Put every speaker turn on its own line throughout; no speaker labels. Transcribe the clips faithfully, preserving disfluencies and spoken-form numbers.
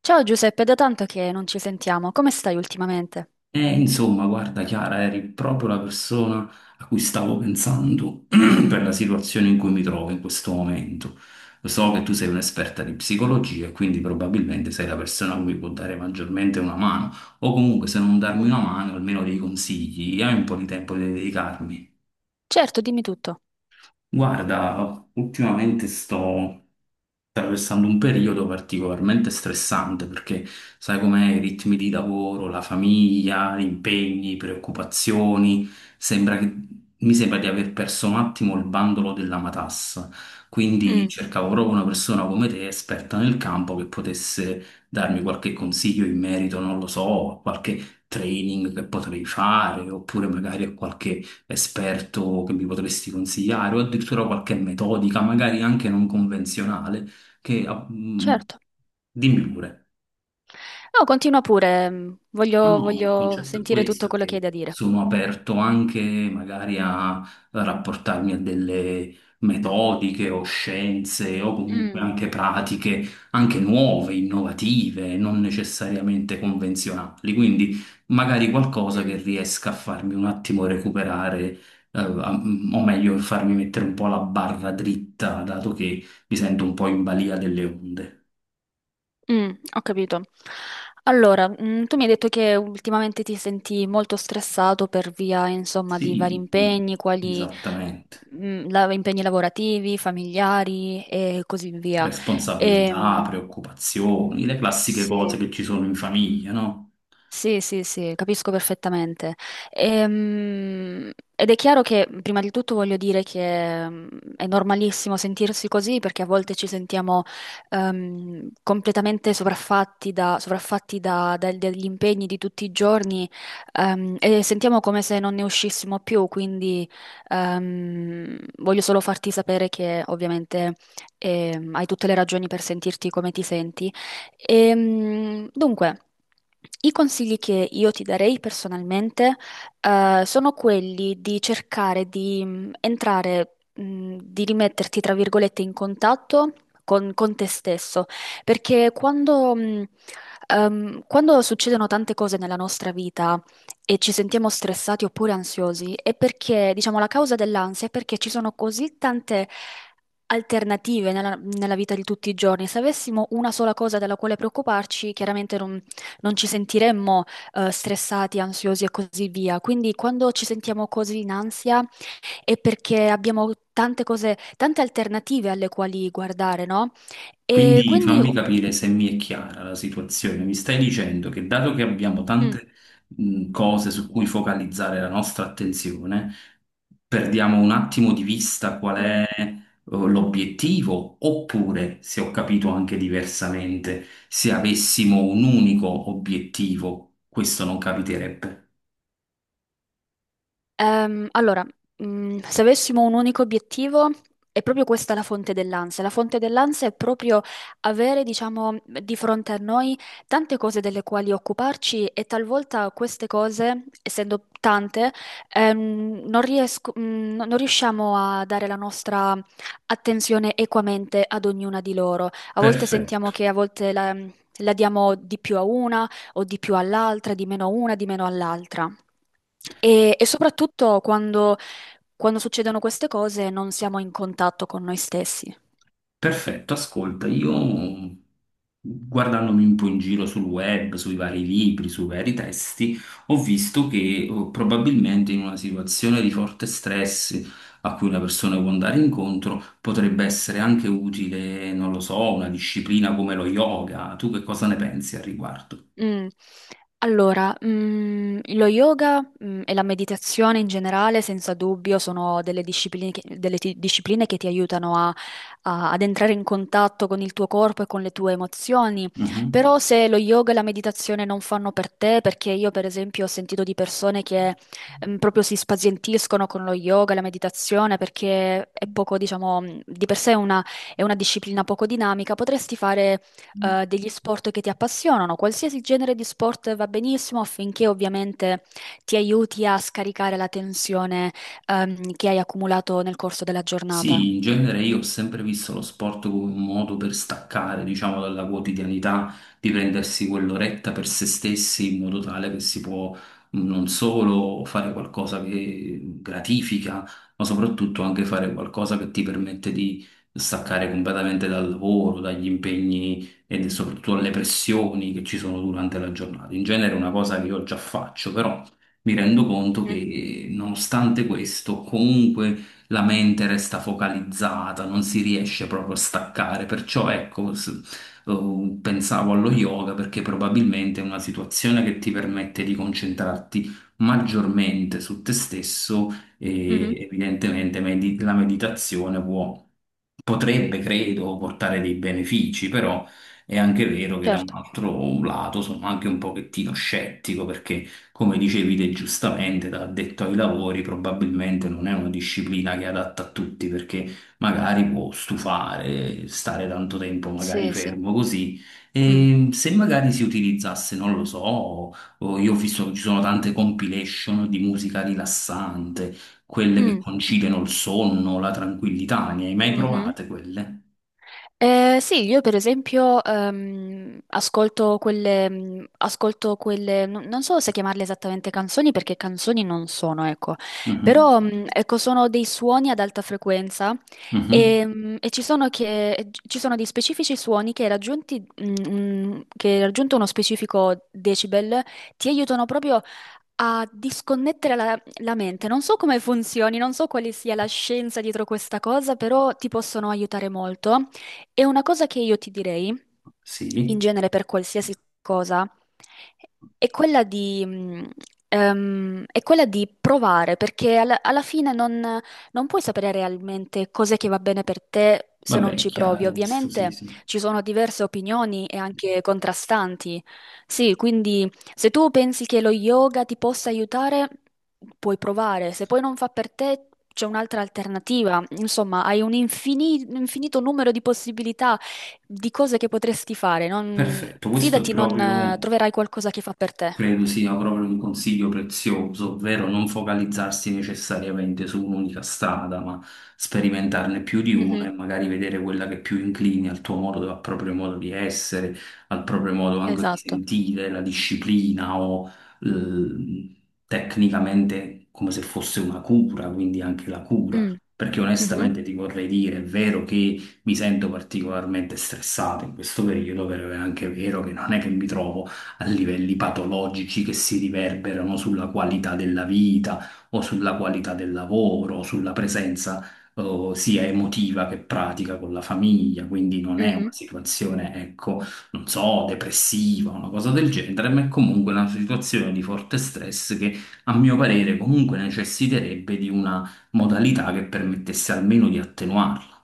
Ciao Giuseppe, da tanto che non ci sentiamo, come stai ultimamente?
Eh, insomma, guarda Chiara, eri proprio la persona a cui stavo pensando per la situazione in cui mi trovo in questo momento. Lo so che tu sei un'esperta di psicologia e quindi probabilmente sei la persona a cui può dare maggiormente una mano, o comunque se non darmi
Mm.
una mano, almeno dei consigli, hai un po' di tempo di dedicarmi.
Certo, dimmi tutto.
Guarda, ultimamente sto attraversando un periodo particolarmente stressante perché sai com'è, i ritmi di lavoro, la famiglia, gli impegni, preoccupazioni, sembra che, mi sembra di aver perso un attimo il bandolo della matassa. Quindi
Mm,
cercavo proprio una persona come te, esperta nel campo, che potesse darmi qualche consiglio in merito, non lo so, a qualche training che potrei fare, oppure magari a qualche esperto che mi potresti consigliare, o addirittura qualche metodica, magari anche non convenzionale che, ah, mh,
certo.
dimmi pure.
No, continua pure, mm,
No,
voglio,
no, il
voglio
concetto è
sentire tutto
questo,
quello che hai
che
da dire.
Sono aperto anche magari a rapportarmi a delle metodiche o scienze o comunque
Mm,
anche pratiche, anche nuove, innovative, non necessariamente convenzionali. Quindi magari qualcosa che
mm.
riesca a farmi un attimo recuperare, eh, a- mm, o meglio, farmi mettere un po' la barra dritta, dato che mi sento un po' in balia delle onde.
Mm, ho capito. Allora, mm, tu mi hai detto che ultimamente ti senti molto stressato per via, insomma, di vari
Sì,
impegni, quali
esattamente.
mm, la- impegni lavorativi, familiari e così via.
Responsabilità,
Ehm,
preoccupazioni, le classiche cose
sì.
che ci sono in famiglia, no?
Sì, sì, sì, capisco perfettamente. Ehm, ed è chiaro che, prima di tutto, voglio dire che mm, è normalissimo sentirsi così perché a volte ci sentiamo ehm, completamente sovraffatti da, sovraffatti da- da- dagli impegni di tutti i giorni, ehm, e sentiamo come se non ne uscissimo più. Quindi ehm, voglio solo farti sapere che ovviamente ehm, hai tutte le ragioni per sentirti come ti senti. Ehm, dunque, i consigli che io ti darei personalmente, eh, sono quelli di cercare di mh, entrare, mh, di rimetterti, tra virgolette, in contatto con, con te stesso, perché quando, mh, ehm, quando succedono tante cose nella nostra vita, e ci sentiamo stressati oppure ansiosi è perché, diciamo, la causa dell'ansia è perché ci sono così tante alternative nella, nella vita di tutti i giorni. Se avessimo una sola cosa della quale preoccuparci, chiaramente non, non ci sentiremmo eh, stressati, ansiosi e così via. Quindi quando ci sentiamo così in ansia è perché abbiamo tante cose, tante alternative alle quali guardare, no? E
Quindi
quindi...
fammi capire se mi è chiara la situazione. Mi stai dicendo che dato che abbiamo
mm,
tante mh, cose su cui focalizzare la nostra attenzione, perdiamo un attimo di vista qual
mm.
è eh, l'obiettivo, oppure, se ho capito anche diversamente, se avessimo un unico obiettivo, questo non capiterebbe.
Ehm, allora, mm, se avessimo un unico obiettivo, è proprio questa la fonte dell'ansia. La fonte dell'ansia è proprio avere, diciamo, di fronte a noi tante cose delle quali occuparci e talvolta queste cose, essendo tante, ehm, non riesco- mm, no, non riusciamo a dare la nostra attenzione equamente ad ognuna di loro. A volte sentiamo
Perfetto,
che a volte la la diamo di più a una o di più all'altra, di meno a una, di meno all'altra. E, e soprattutto quando, quando succedono queste cose non siamo in contatto con noi stessi.
perfetto. Ascolta, io guardandomi un po' in giro sul web, sui vari libri, sui vari testi, ho visto che eh, probabilmente in una situazione di forte stress a cui una persona può andare incontro potrebbe essere anche utile, non lo so, una disciplina come lo yoga. Tu che cosa ne pensi al riguardo?
Mm. Allora, mm, lo yoga, mm, e la meditazione in generale, senza dubbio, sono delle discipline che, delle ti- discipline che ti aiutano a- a- ad entrare in contatto con il tuo corpo e con le tue emozioni.
Mhm.
Però se lo yoga e la meditazione non fanno per te, perché io per esempio ho sentito di persone che mm, proprio si spazientiscono con lo yoga e la meditazione perché è poco, diciamo, mm, di per sé è una è una disciplina poco dinamica, potresti fare eh, degli sport che ti appassionano, qualsiasi genere di sport va benissimo affinché ovviamente ti aiuti a scaricare la tensione, ehm, che hai accumulato nel corso della giornata.
Sì, in genere io ho sempre visto lo sport come un modo per staccare, diciamo, dalla quotidianità, di prendersi quell'oretta per se stessi in modo tale che si può mh, non solo fare qualcosa che gratifica, ma soprattutto anche fare qualcosa che ti permette di staccare completamente dal lavoro, dagli impegni e soprattutto dalle pressioni che ci sono durante la giornata. In genere è una cosa che io già faccio, però mi rendo conto
Mhm,
che nonostante questo, comunque la mente resta focalizzata, non si riesce proprio a staccare, perciò ecco, s- eh, pensavo allo yoga perché probabilmente è una situazione che ti permette di concentrarti maggiormente su te stesso
mhm.
e evidentemente medi- la meditazione può potrebbe, credo, portare dei benefici, però è anche vero che da un
Certo,
altro lato sono anche un pochettino scettico perché, come dicevi te giustamente, da addetto ai lavori probabilmente non è una disciplina che è adatta a tutti perché magari può stufare, stare tanto tempo magari
sì, sì.
fermo così.
Mm.
E se magari si utilizzasse, non lo so, o io ho visto che ci sono tante compilation di musica rilassante quelle che
Mm,
conciliano il sonno, la tranquillità. Ne hai mai
mhm.
provate quelle?
Eh, sì, io per esempio ehm, ascolto quelle, mm, ascolto quelle, non non so se chiamarle esattamente canzoni perché canzoni non sono, ecco,
Mhm,
però mm, ecco, sono dei suoni ad alta frequenza
mhm,
e, mm, e ci sono che, ci sono dei specifici suoni che raggiunti, mm, mm, che raggiunto uno specifico decibel ti aiutano proprio a disconnettere la, la mente. Non so come funzioni, non so quale sia la scienza dietro questa cosa, però ti possono aiutare molto. E una cosa che io ti direi, in
sì,
genere per qualsiasi cosa, è quella di, mh, ehm, è quella di provare, perché alla, alla fine non, non puoi sapere realmente cos'è che va bene per te se non
vabbè, è
ci provi.
chiaro questo, sì,
Ovviamente
sì.
ci sono diverse opinioni e anche contrastanti. Sì, quindi se tu pensi che lo yoga ti possa aiutare, puoi provare. Se poi non fa per te, c'è un'altra alternativa. Insomma, hai un infini- un infinito numero di possibilità di cose che potresti fare. Non-
Perfetto, questo è
Fidati, non eh,
proprio.
troverai qualcosa che fa per te.
Credo sia proprio un consiglio prezioso, ovvero non focalizzarsi necessariamente su un'unica strada, ma sperimentarne più di una e
Mhm.
magari vedere quella che più inclini al tuo modo, al proprio modo di essere, al proprio modo anche di
Esatto.
sentire, la disciplina o eh, tecnicamente come se fosse una cura, quindi anche la cura.
Mm,
Perché
mhm,
onestamente ti vorrei dire, è vero che mi sento particolarmente stressato in questo periodo, però è anche vero che non è che mi trovo a livelli patologici che si riverberano sulla qualità della vita o sulla qualità del lavoro o sulla presenza eh, sia emotiva che pratica con la famiglia, quindi non è
mhm.
una situazione, ecco, non so, depressiva, una cosa del genere, ma è comunque una situazione di forte stress che a mio parere comunque necessiterebbe di una modalità che permettesse almeno di attenuarla.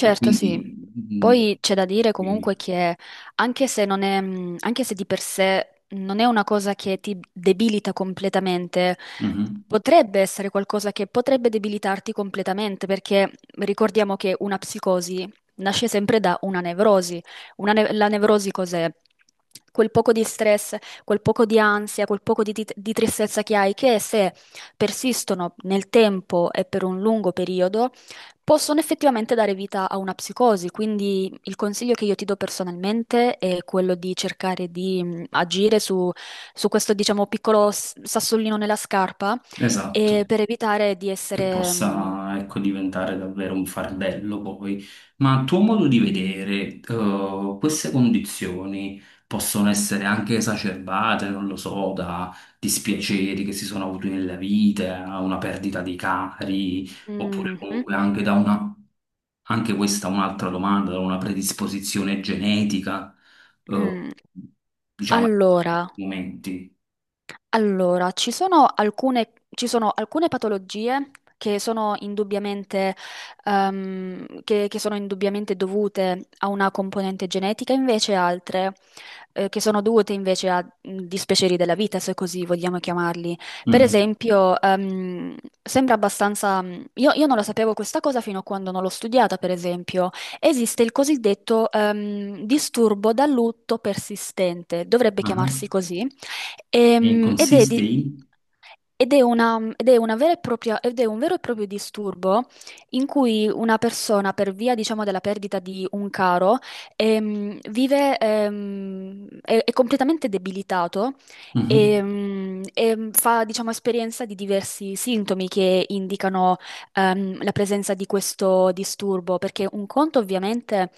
E quindi,
sì.
mm, mm,
Poi c'è da dire
quindi,
comunque che anche se non è, mh, anche se di per sé non è una cosa che ti debilita completamente,
mhm,
potrebbe essere qualcosa che potrebbe debilitarti completamente, perché ricordiamo che una psicosi nasce sempre da una nevrosi. Una ne- la nevrosi cos'è? Quel poco di stress, quel poco di ansia, quel poco di, di di tristezza che hai, che se persistono nel tempo e per un lungo periodo, possono effettivamente dare vita a una psicosi, quindi il consiglio che io ti do personalmente è quello di cercare di mh, agire su, su questo, diciamo, piccolo s- sassolino nella scarpa
esatto.
e per evitare di
Che
essere... mh,
possa, ecco, diventare davvero un fardello poi. Ma a tuo modo di vedere, eh, queste condizioni possono essere anche esacerbate, non lo so, da dispiaceri che si sono avuti nella vita, una perdita di cari, oppure
mh, mh,
comunque anche da una, anche questa è un'altra domanda, da una predisposizione genetica, eh,
mh.
diciamo, in
Allora.
alcuni momenti.
Allora, ci sono alcune, ci sono alcune patologie che sono indubbiamente, ehm, che, che sono indubbiamente dovute a una componente genetica, invece altre, eh, che sono dovute invece a mh, dispiaceri della vita, se così vogliamo chiamarli. Per
Mhm,
esempio, ehm, sembra abbastanza... mh. Io, io non lo sapevo questa cosa fino a quando non l'ho studiata, per esempio. Esiste il cosiddetto, ehm, disturbo da lutto persistente, dovrebbe chiamarsi
mhm.
così.
E
Ehm, ed è,
consiste
di-
in?
Ed è una, ed è una vera e propria, ed è un vero e proprio disturbo in cui una persona, per via, diciamo, della perdita di un caro, ehm, vive, ehm, è, è completamente debilitato
Mhm.
ehm, e, fa, diciamo, esperienza di diversi sintomi che indicano, ehm, la presenza di questo disturbo, perché un conto ovviamente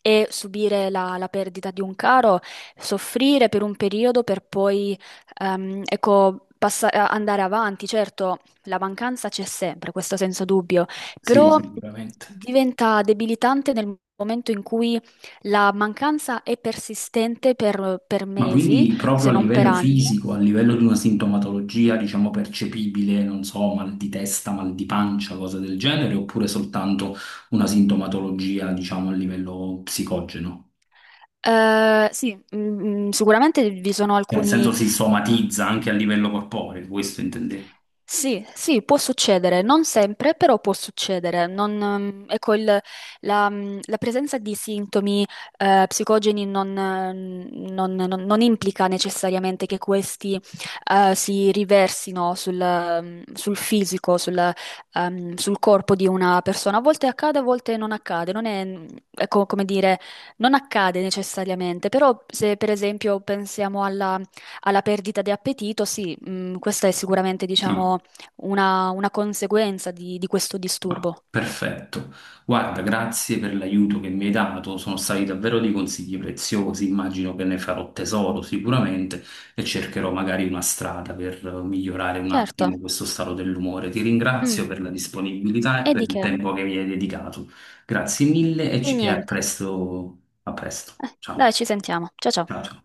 è subire la la perdita di un caro, soffrire per un periodo per poi Ehm, ecco, passa- eh, andare avanti, certo, la mancanza c'è sempre, questo senza dubbio,
Sì,
però
sì, sicuramente.
diventa debilitante nel momento in cui la mancanza è persistente per, per
Ma
mesi,
quindi proprio
se
a
non per
livello
anni.
fisico, a livello di una sintomatologia, diciamo, percepibile, non so, mal di testa, mal di pancia, cose del genere, oppure soltanto una sintomatologia, diciamo, a livello psicogeno?
Eh, sì, mm, mm, sicuramente vi sono
Cioè, nel
alcuni.
senso si somatizza anche a livello corporeo, questo intendevo.
Sì, sì, può succedere, non sempre, però può succedere. Non, ehm, ecco, il- la, mm, la presenza di sintomi eh, psicogeni non, eh, non- non- non implica necessariamente che questi eh, si riversino sul, ehm, sul fisico, sul, ehm, sul corpo di una persona. A volte accade, a volte non accade. Non è, mm, ecco, come dire, non accade necessariamente, però se per esempio pensiamo alla alla perdita di appetito, sì, mh, questa è sicuramente, diciamo, una, una conseguenza di, di questo
Ma
disturbo.
perfetto. Guarda, grazie per l'aiuto che mi hai dato, sono stati davvero dei consigli preziosi, immagino che ne farò tesoro sicuramente e cercherò magari una strada per eh, migliorare un
Certo.
attimo questo stato dell'umore. Ti
Mm.
ringrazio per la disponibilità e
E di
per il
che?
tempo che mi hai dedicato. Grazie mille e,
Di
ci- e a
niente.
presto, a presto.
Eh, dai,
Ciao.
ci sentiamo. Ciao ciao.
Ciao, ciao.